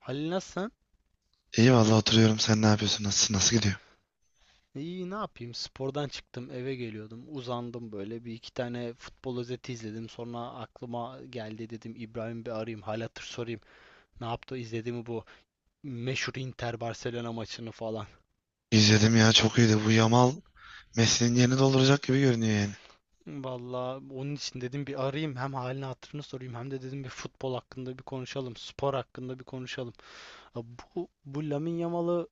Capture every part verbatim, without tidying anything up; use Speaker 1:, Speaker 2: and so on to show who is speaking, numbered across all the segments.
Speaker 1: Halil, nasılsın?
Speaker 2: İyi vallahi oturuyorum. Sen ne yapıyorsun? Nasılsın? Nasıl gidiyor?
Speaker 1: İyi, ne yapayım? Spordan çıktım, eve geliyordum. Uzandım böyle. Bir iki tane futbol özeti izledim. Sonra aklıma geldi, dedim İbrahim, bir arayayım, hal hatır sorayım. Ne yaptı? İzledi mi bu meşhur Inter Barcelona maçını falan.
Speaker 2: İzledim ya, çok iyiydi. Bu Yamal Messi'nin yerini dolduracak gibi görünüyor yani.
Speaker 1: Vallahi onun için dedim bir arayayım. Hem halini hatırını sorayım, hem de dedim bir futbol hakkında bir konuşalım, spor hakkında bir konuşalım. Ha, Bu, bu Lamine Yamal'ı.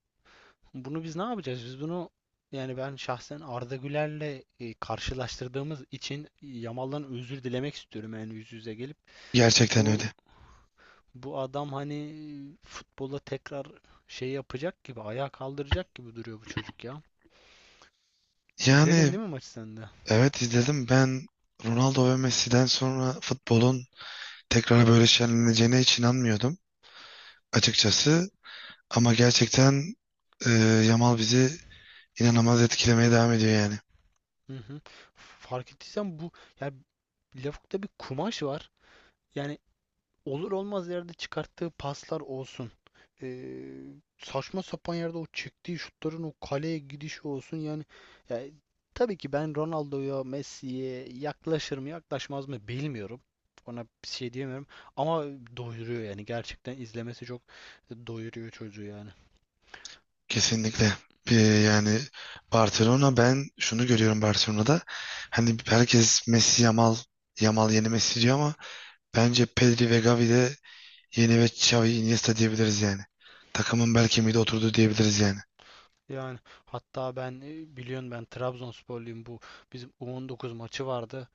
Speaker 1: Bunu biz ne yapacağız? Biz bunu yani ben şahsen Arda Güler'le e, karşılaştırdığımız için Yamal'dan özür dilemek istiyorum, yani yüz yüze gelip.
Speaker 2: Gerçekten
Speaker 1: Bu
Speaker 2: öyle.
Speaker 1: bu adam hani futbola tekrar şey yapacak gibi, ayağa kaldıracak gibi duruyor bu çocuk ya.
Speaker 2: Yani
Speaker 1: İzledin değil mi maçı sen de?
Speaker 2: evet, izledim. Ben Ronaldo ve Messi'den sonra futbolun tekrar böyle şenleneceğine hiç inanmıyordum açıkçası. Ama gerçekten e, Yamal bizi inanılmaz etkilemeye devam ediyor yani.
Speaker 1: Hı hı. Fark ettiysen bu, yani Lavuk'ta bir kumaş var. Yani olur olmaz yerde çıkarttığı paslar olsun. Ee, Saçma sapan yerde o çektiği şutların o kaleye gidişi olsun yani, yani tabii ki ben Ronaldo'ya, Messi'ye yaklaşır mı yaklaşmaz mı bilmiyorum. Ona bir şey diyemiyorum ama doyuruyor yani, gerçekten izlemesi çok doyuruyor çocuğu yani.
Speaker 2: Kesinlikle. Bir, yani Barcelona, ben şunu görüyorum Barcelona'da. Hani herkes Messi Yamal, Yamal yeni Messi diyor ama bence Pedri ve Gavi de yeni ve Xavi Iniesta diyebiliriz yani. Takımın bel kemiği de oturdu diyebiliriz yani.
Speaker 1: Yani hatta ben e, biliyorsun, ben Trabzonsporluyum. Bu bizim U on dokuz maçı vardı.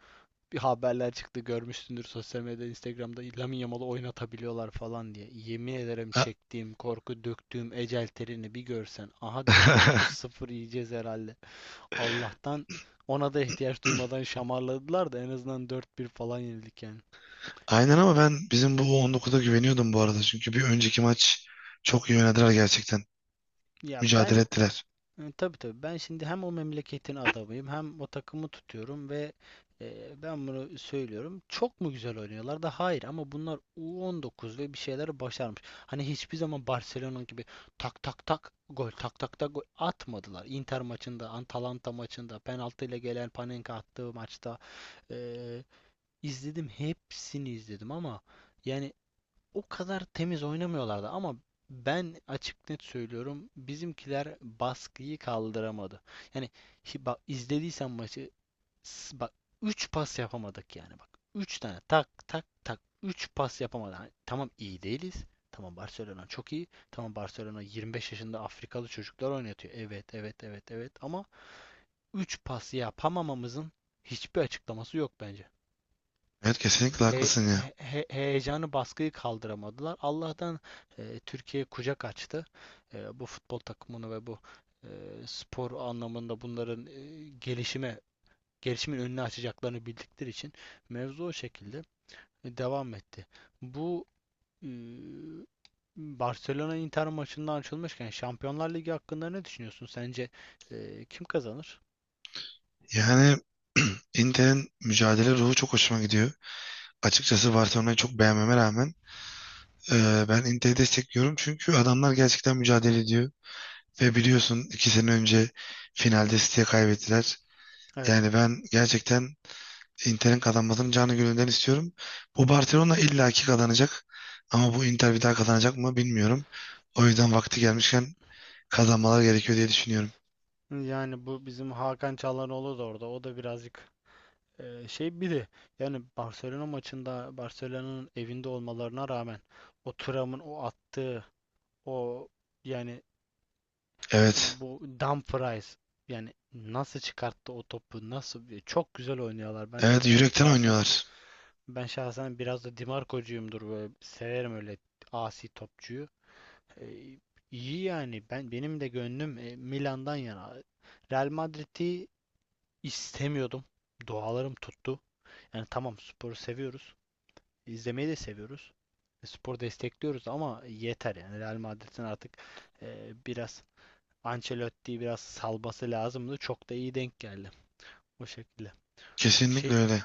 Speaker 1: Bir haberler çıktı, görmüşsündür sosyal medyada, Instagram'da Lamine Yamal'ı oynatabiliyorlar falan diye. Yemin ederim
Speaker 2: A-
Speaker 1: çektiğim korku, döktüğüm ecel terini bir görsen. Aha, dedim, otuz sıfır yiyeceğiz herhalde. Allah'tan ona da ihtiyaç duymadan şamarladılar da en azından dört bir falan yenildik yani.
Speaker 2: Aynen, ama ben bizim bu on dokuza güveniyordum bu arada. Çünkü bir önceki maç çok iyi oynadılar gerçekten.
Speaker 1: Ya
Speaker 2: Mücadele
Speaker 1: ben
Speaker 2: ettiler.
Speaker 1: E, tabii tabii. Ben şimdi hem o memleketin adamıyım, hem o takımı tutuyorum ve e, ben bunu söylüyorum. Çok mu güzel oynuyorlar da? Hayır, ama bunlar U on dokuz ve bir şeyler başarmış. Hani hiçbir zaman Barcelona gibi tak tak tak gol, tak tak tak gol atmadılar. Inter maçında, Atalanta maçında, penaltıyla gelen Panenka attığı maçta, e, izledim, hepsini izledim ama yani o kadar temiz oynamıyorlardı. Ama ben açık net söylüyorum, bizimkiler baskıyı kaldıramadı. Yani hi- bak, izlediysen maçı, s- bak, üç pas yapamadık yani, bak. Üç tane tak tak tak, üç pas yapamadık. Hani tamam, iyi değiliz. Tamam, Barcelona çok iyi. Tamam, Barcelona yirmi beş yaşında Afrikalı çocuklar oynatıyor. Evet, evet, evet, evet ama üç pas yapamamamızın hiçbir açıklaması yok bence.
Speaker 2: Evet, kesinlikle
Speaker 1: He-
Speaker 2: haklısın ya.
Speaker 1: he- he- heyecanı, baskıyı kaldıramadılar. Allah'tan e, Türkiye kucak açtı. E, bu futbol takımını ve bu e, spor anlamında bunların e, gelişime gelişimin önünü açacaklarını bildikleri için mevzu o şekilde e, devam etti. Bu e, Barcelona Inter maçından açılmışken, Şampiyonlar Ligi hakkında ne düşünüyorsun? Sence e, kim kazanır?
Speaker 2: Yani Inter'in mücadele ruhu çok hoşuma gidiyor. Açıkçası Barcelona'yı çok beğenmeme rağmen e, ben Inter'i destekliyorum. Çünkü adamlar gerçekten mücadele ediyor. Ve biliyorsun, iki sene önce finalde City'ye kaybettiler.
Speaker 1: Evet.
Speaker 2: Yani ben gerçekten Inter'in kazanmasını canı gönülden istiyorum. Bu Barcelona illaki kazanacak. Ama bu Inter bir daha kazanacak mı bilmiyorum. O yüzden vakti gelmişken kazanmalar gerekiyor diye düşünüyorum.
Speaker 1: Yani bu bizim Hakan Çalhanoğlu da orada. O da birazcık. Ee, şey, bir de yani Barcelona maçında, Barcelona'nın evinde olmalarına rağmen o Thuram'ın o attığı, o yani o-
Speaker 2: Evet.
Speaker 1: bu Dumfries, yani nasıl çıkarttı o topu, nasıl çok güzel oynuyorlar. Ben
Speaker 2: Evet,
Speaker 1: ben
Speaker 2: yürekten
Speaker 1: şahsen
Speaker 2: oynuyorlar.
Speaker 1: ben şahsen biraz da Di Marco'cuyumdur, böyle severim öyle asi topçuyu. Ee, iyi yani, ben benim de gönlüm e, Milan'dan yana. Real Madrid'i istemiyordum. Dualarım tuttu. Yani tamam, sporu seviyoruz, izlemeyi de seviyoruz. E, Spor destekliyoruz ama yeter yani. Real Madrid'in artık e, biraz Ancelotti'yi biraz salması lazımdı. Çok da iyi denk geldi o şekilde. Şey,
Speaker 2: Kesinlikle öyle.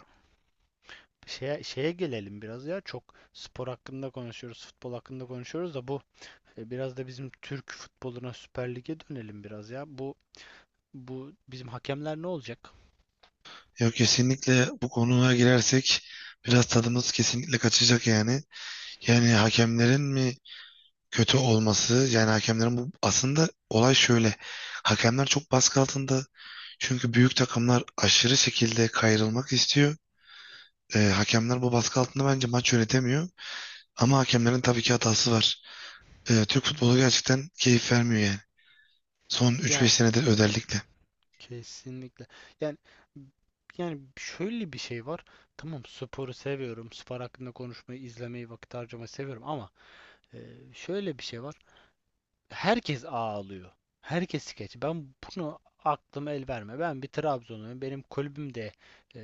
Speaker 1: şeye, şeye gelelim biraz ya. Çok spor hakkında konuşuyoruz, futbol hakkında konuşuyoruz da bu e, biraz da bizim Türk futboluna, Süper Lig'e dönelim biraz ya. Bu bu bizim hakemler ne olacak?
Speaker 2: Yok, kesinlikle bu konuya girersek biraz tadımız kesinlikle kaçacak yani. Yani hakemlerin mi kötü olması, yani hakemlerin, bu aslında olay şöyle. Hakemler çok baskı altında. Çünkü büyük takımlar aşırı şekilde kayrılmak istiyor. Ee, hakemler bu baskı altında bence maç yönetemiyor. Ama hakemlerin tabii ki hatası var. Ee, Türk futbolu gerçekten keyif vermiyor yani. Son üç beş
Speaker 1: Yani.
Speaker 2: senedir özellikle.
Speaker 1: Kesinlikle. Yani yani şöyle bir şey var. Tamam, sporu seviyorum. Spor hakkında konuşmayı, izlemeyi, vakit harcamayı seviyorum ama e, şöyle bir şey var, herkes ağlıyor. Herkes skeç. Ben bunu, aklım el verme. Ben bir Trabzonluyum. Benim kulübüm de e,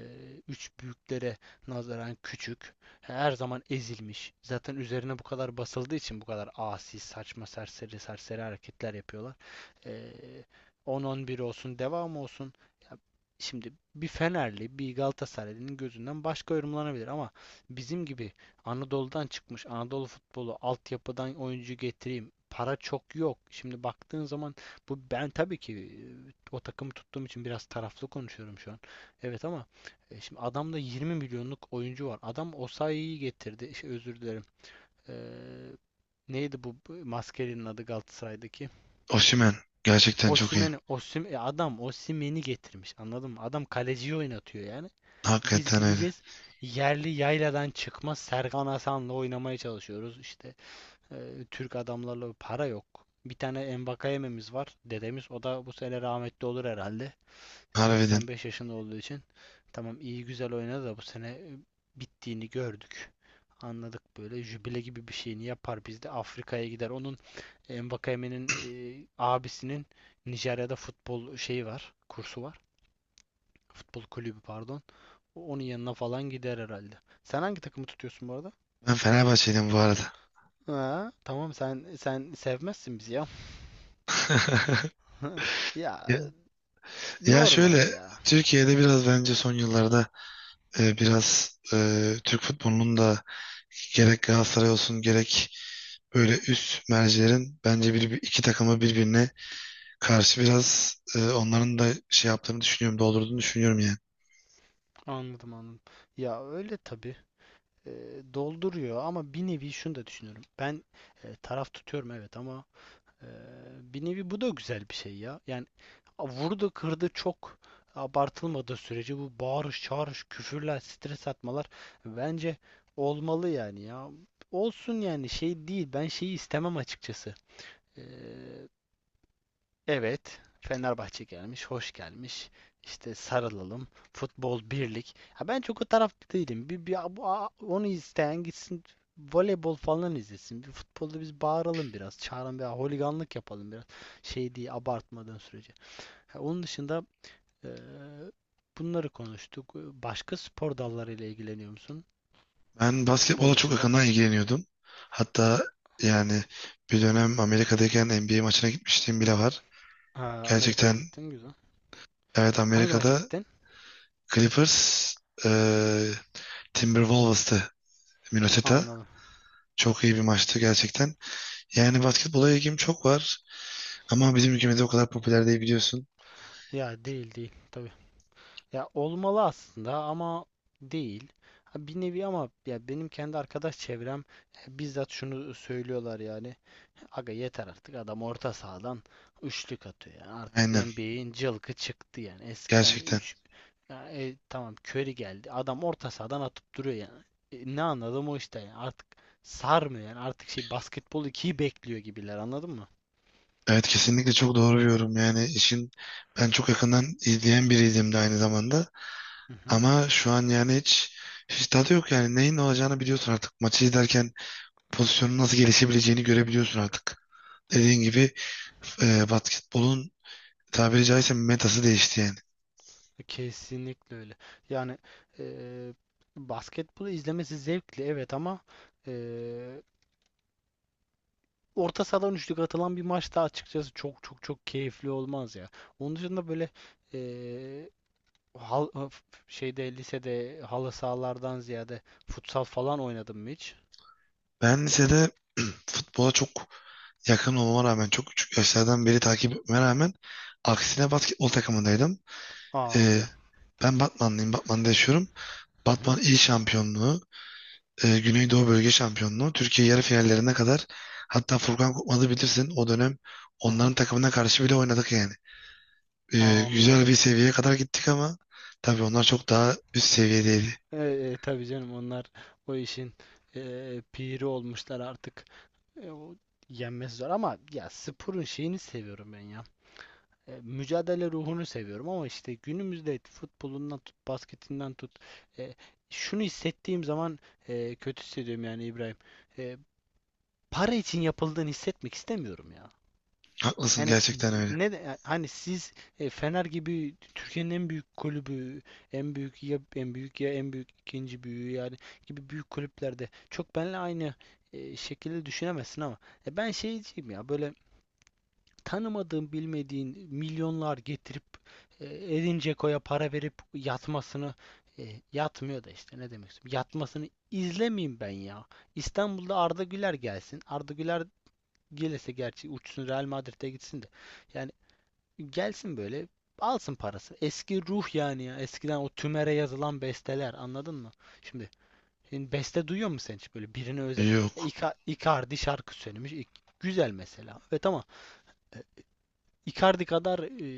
Speaker 1: üç büyüklere nazaran küçük. Her zaman ezilmiş. Zaten üzerine bu kadar basıldığı için bu kadar asi, saçma, serseri, serseri hareketler yapıyorlar. E, on on bir olsun, devam olsun. Ya, şimdi bir Fenerli, bir Galatasaraylı'nın gözünden başka yorumlanabilir ama bizim gibi Anadolu'dan çıkmış, Anadolu futbolu, altyapıdan oyuncu getireyim, para çok yok. Şimdi baktığın zaman, bu ben tabii ki e, o takımı tuttuğum için biraz taraflı konuşuyorum şu an. Evet ama e, şimdi adamda yirmi milyonluk oyuncu var. Adam Osayi'yi getirdi. Şey, özür dilerim. Ee, Neydi bu bu maskelinin adı Galatasaray'daki?
Speaker 2: Osimhen gerçekten çok iyi.
Speaker 1: Osimhen, Osim, e, adam Osimhen'i getirmiş. Anladın mı? Adam kaleciyi oynatıyor yani. Biz
Speaker 2: Hakikaten öyle.
Speaker 1: gideceğiz, yerli yayladan çıkma Serkan Hasan'la oynamaya çalışıyoruz. İşte, ee, Türk adamlarla, para yok. Bir tane Mbakayememiz var. Dedemiz, o da bu sene rahmetli olur herhalde.
Speaker 2: Harbiden.
Speaker 1: seksen beş yaşında olduğu için. Tamam, iyi güzel oynadı da bu sene e, bittiğini gördük. Anladık, böyle jübile gibi bir şeyini yapar, biz de Afrika'ya gider. Onun, Mbakayeme'nin e, abisinin Nijerya'da futbol şeyi var, kursu var. Futbol kulübü pardon. Onun yanına falan gider herhalde. Sen hangi takımı tutuyorsun bu arada?
Speaker 2: Ben Fenerbahçeliyim bu arada.
Speaker 1: Ha, tamam, sen sen sevmezsin bizi ya. Hı, Ya,
Speaker 2: Ya, ya şöyle,
Speaker 1: normal ya.
Speaker 2: Türkiye'de biraz bence son yıllarda e, biraz e, Türk futbolunun da gerek Galatasaray olsun gerek böyle üst mercilerin bence bir, iki takımı birbirine karşı biraz, e, onların da şey yaptığını düşünüyorum, doldurduğunu düşünüyorum yani.
Speaker 1: Anladım, anladım. Ya öyle, tabii. E, Dolduruyor ama bir nevi şunu da düşünüyorum. Ben e, taraf tutuyorum, evet, ama e, bir nevi bu da güzel bir şey ya. Yani, a, vurdu kırdı çok abartılmadığı sürece bu bağırış çağırış, küfürler, stres atmalar bence olmalı yani ya. Olsun yani, şey değil. Ben şeyi istemem açıkçası. E, Evet, Fenerbahçe gelmiş, hoş gelmiş, İşte sarılalım, futbol birlik. Ha, ben çok o tarafta değilim. Bir, bir, bu- a- onu isteyen gitsin, voleybol falan izlesin. Bir futbolda biz bağıralım biraz, çağırın veya holiganlık yapalım biraz. Şey diye, abartmadan sürece. Ha, Onun dışında eee, bunları konuştuk. Başka spor dallarıyla ilgileniyor musun?
Speaker 2: Ben
Speaker 1: Futbol
Speaker 2: basketbola çok
Speaker 1: dışında.
Speaker 2: yakından ilgileniyordum. Hatta yani bir dönem Amerika'dayken N B A maçına gitmişliğim bile var.
Speaker 1: Ha, Amerika'ya
Speaker 2: Gerçekten
Speaker 1: gittin, güzel.
Speaker 2: evet,
Speaker 1: Hangi maça
Speaker 2: Amerika'da
Speaker 1: gittin?
Speaker 2: Clippers, e, Timberwolves'tı, Minnesota.
Speaker 1: Anladım.
Speaker 2: Çok iyi bir maçtı gerçekten. Yani basketbola ilgim çok var ama bizim ülkemizde o kadar popüler değil, biliyorsun.
Speaker 1: Ya, değil değil. Tabii. Ya olmalı aslında ama değil. Ha, Bir nevi ama ya, benim kendi arkadaş çevrem, e, bizzat şunu söylüyorlar yani. Aga yeter artık, adam orta sahadan üçlük atıyor. Yani artık
Speaker 2: Aynen,
Speaker 1: N B A'in cılkı çıktı yani. Eskiden
Speaker 2: gerçekten.
Speaker 1: üç, tamam, Curry geldi, adam orta sahadan atıp duruyor yani. E, ne anladım o işte yani. Artık sarmıyor yani. Artık şey, basketbol ikiyi bekliyor gibiler, anladın mı?
Speaker 2: Evet, kesinlikle çok doğru bir yorum. Yani işin, ben çok yakından izleyen biriydim de aynı zamanda.
Speaker 1: Hı hı.
Speaker 2: Ama şu an yani hiç, hiç tadı yok yani. Neyin ne olacağını biliyorsun artık. Maçı izlerken pozisyonun nasıl gelişebileceğini görebiliyorsun artık. Dediğin gibi, e, basketbolun tabiri caizse metası değişti yani.
Speaker 1: Kesinlikle öyle. Yani, eee basketbolu izlemesi zevkli, evet, ama eee, orta sahadan üçlük atılan bir maçta açıkçası çok çok çok keyifli olmaz ya. Onun dışında böyle, eee, hal, f- şeyde lisede halı sahalardan ziyade futsal falan oynadım mı hiç?
Speaker 2: Ben lisede futbola çok yakın olmama rağmen, çok küçük yaşlardan beri takip etmeme rağmen, aksine basketbol takımındaydım.
Speaker 1: Aa,
Speaker 2: Ee,
Speaker 1: güzel.
Speaker 2: Ben Batmanlıyım. Batman'da yaşıyorum.
Speaker 1: Hı hı.
Speaker 2: Batman il şampiyonluğu, e, Güneydoğu Bölge Şampiyonluğu, Türkiye yarı finallerine kadar, hatta Furkan Korkmaz'ı bilirsin o dönem,
Speaker 1: Hı hı.
Speaker 2: onların takımına karşı bile oynadık yani. E, güzel
Speaker 1: Anladım.
Speaker 2: bir seviyeye kadar gittik ama tabii onlar çok daha üst seviyedeydi.
Speaker 1: E, e, tabii canım, onlar o işin e, piri olmuşlar artık. E, o, yenmesi zor ama ya, sporun şeyini seviyorum ben ya. E, mücadele ruhunu seviyorum ama işte, günümüzde futbolundan tut, basketinden tut. E, Şunu hissettiğim zaman e, kötü hissediyorum yani, İbrahim. E, Para için yapıldığını hissetmek istemiyorum ya.
Speaker 2: Haklısın,
Speaker 1: Yani,
Speaker 2: gerçekten öyle.
Speaker 1: ne de- hani siz e, Fener gibi Türkiye'nin en büyük kulübü, en büyük ya, en büyük ya, en büyük ikinci büyüğü yani gibi büyük kulüplerde çok benle aynı e, şekilde düşünemezsin ama e, ben şeyciyim ya, böyle tanımadığın, bilmediğin milyonlar getirip, e, Edin Dzeko'ya para verip yatmasını, e, yatmıyor da işte, ne demek istiyorum. Yatmasını izlemeyeyim ben ya. İstanbul'da Arda Güler gelsin. Arda Güler gelirse gerçi uçsun, Real Madrid'e gitsin de. Yani gelsin böyle, alsın parası. Eski ruh yani ya. Eskiden o tümere yazılan besteler, anladın mı? Şimdi, şimdi beste duyuyor musun sen hiç böyle birine özel? E,
Speaker 2: Yok.
Speaker 1: Ica- Icardi şarkı söylemiş. İ- Güzel mesela. Ve tamam, Icardi kadar e,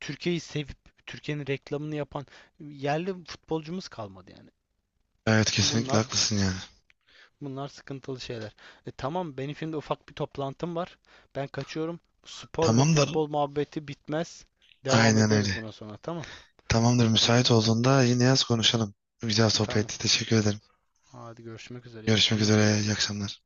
Speaker 1: Türkiye'yi sevip, Türkiye'nin reklamını yapan yerli futbolcumuz kalmadı yani.
Speaker 2: Evet, kesinlikle
Speaker 1: Bunlar
Speaker 2: haklısın yani.
Speaker 1: bunlar sıkıntılı şeyler. E, tamam, benim şimdi ufak bir toplantım var. Ben kaçıyorum. Spor ve
Speaker 2: Tamamdır.
Speaker 1: futbol muhabbeti bitmez. Devam
Speaker 2: Aynen
Speaker 1: ederiz
Speaker 2: öyle.
Speaker 1: buna sonra, tamam.
Speaker 2: Tamamdır. Müsait olduğunda yine yaz, konuşalım. Güzel
Speaker 1: Tamam.
Speaker 2: sohbetti. Teşekkür ederim.
Speaker 1: Hadi, görüşmek üzere. İyi
Speaker 2: Görüşmek
Speaker 1: akşamlar.
Speaker 2: üzere. İyi akşamlar.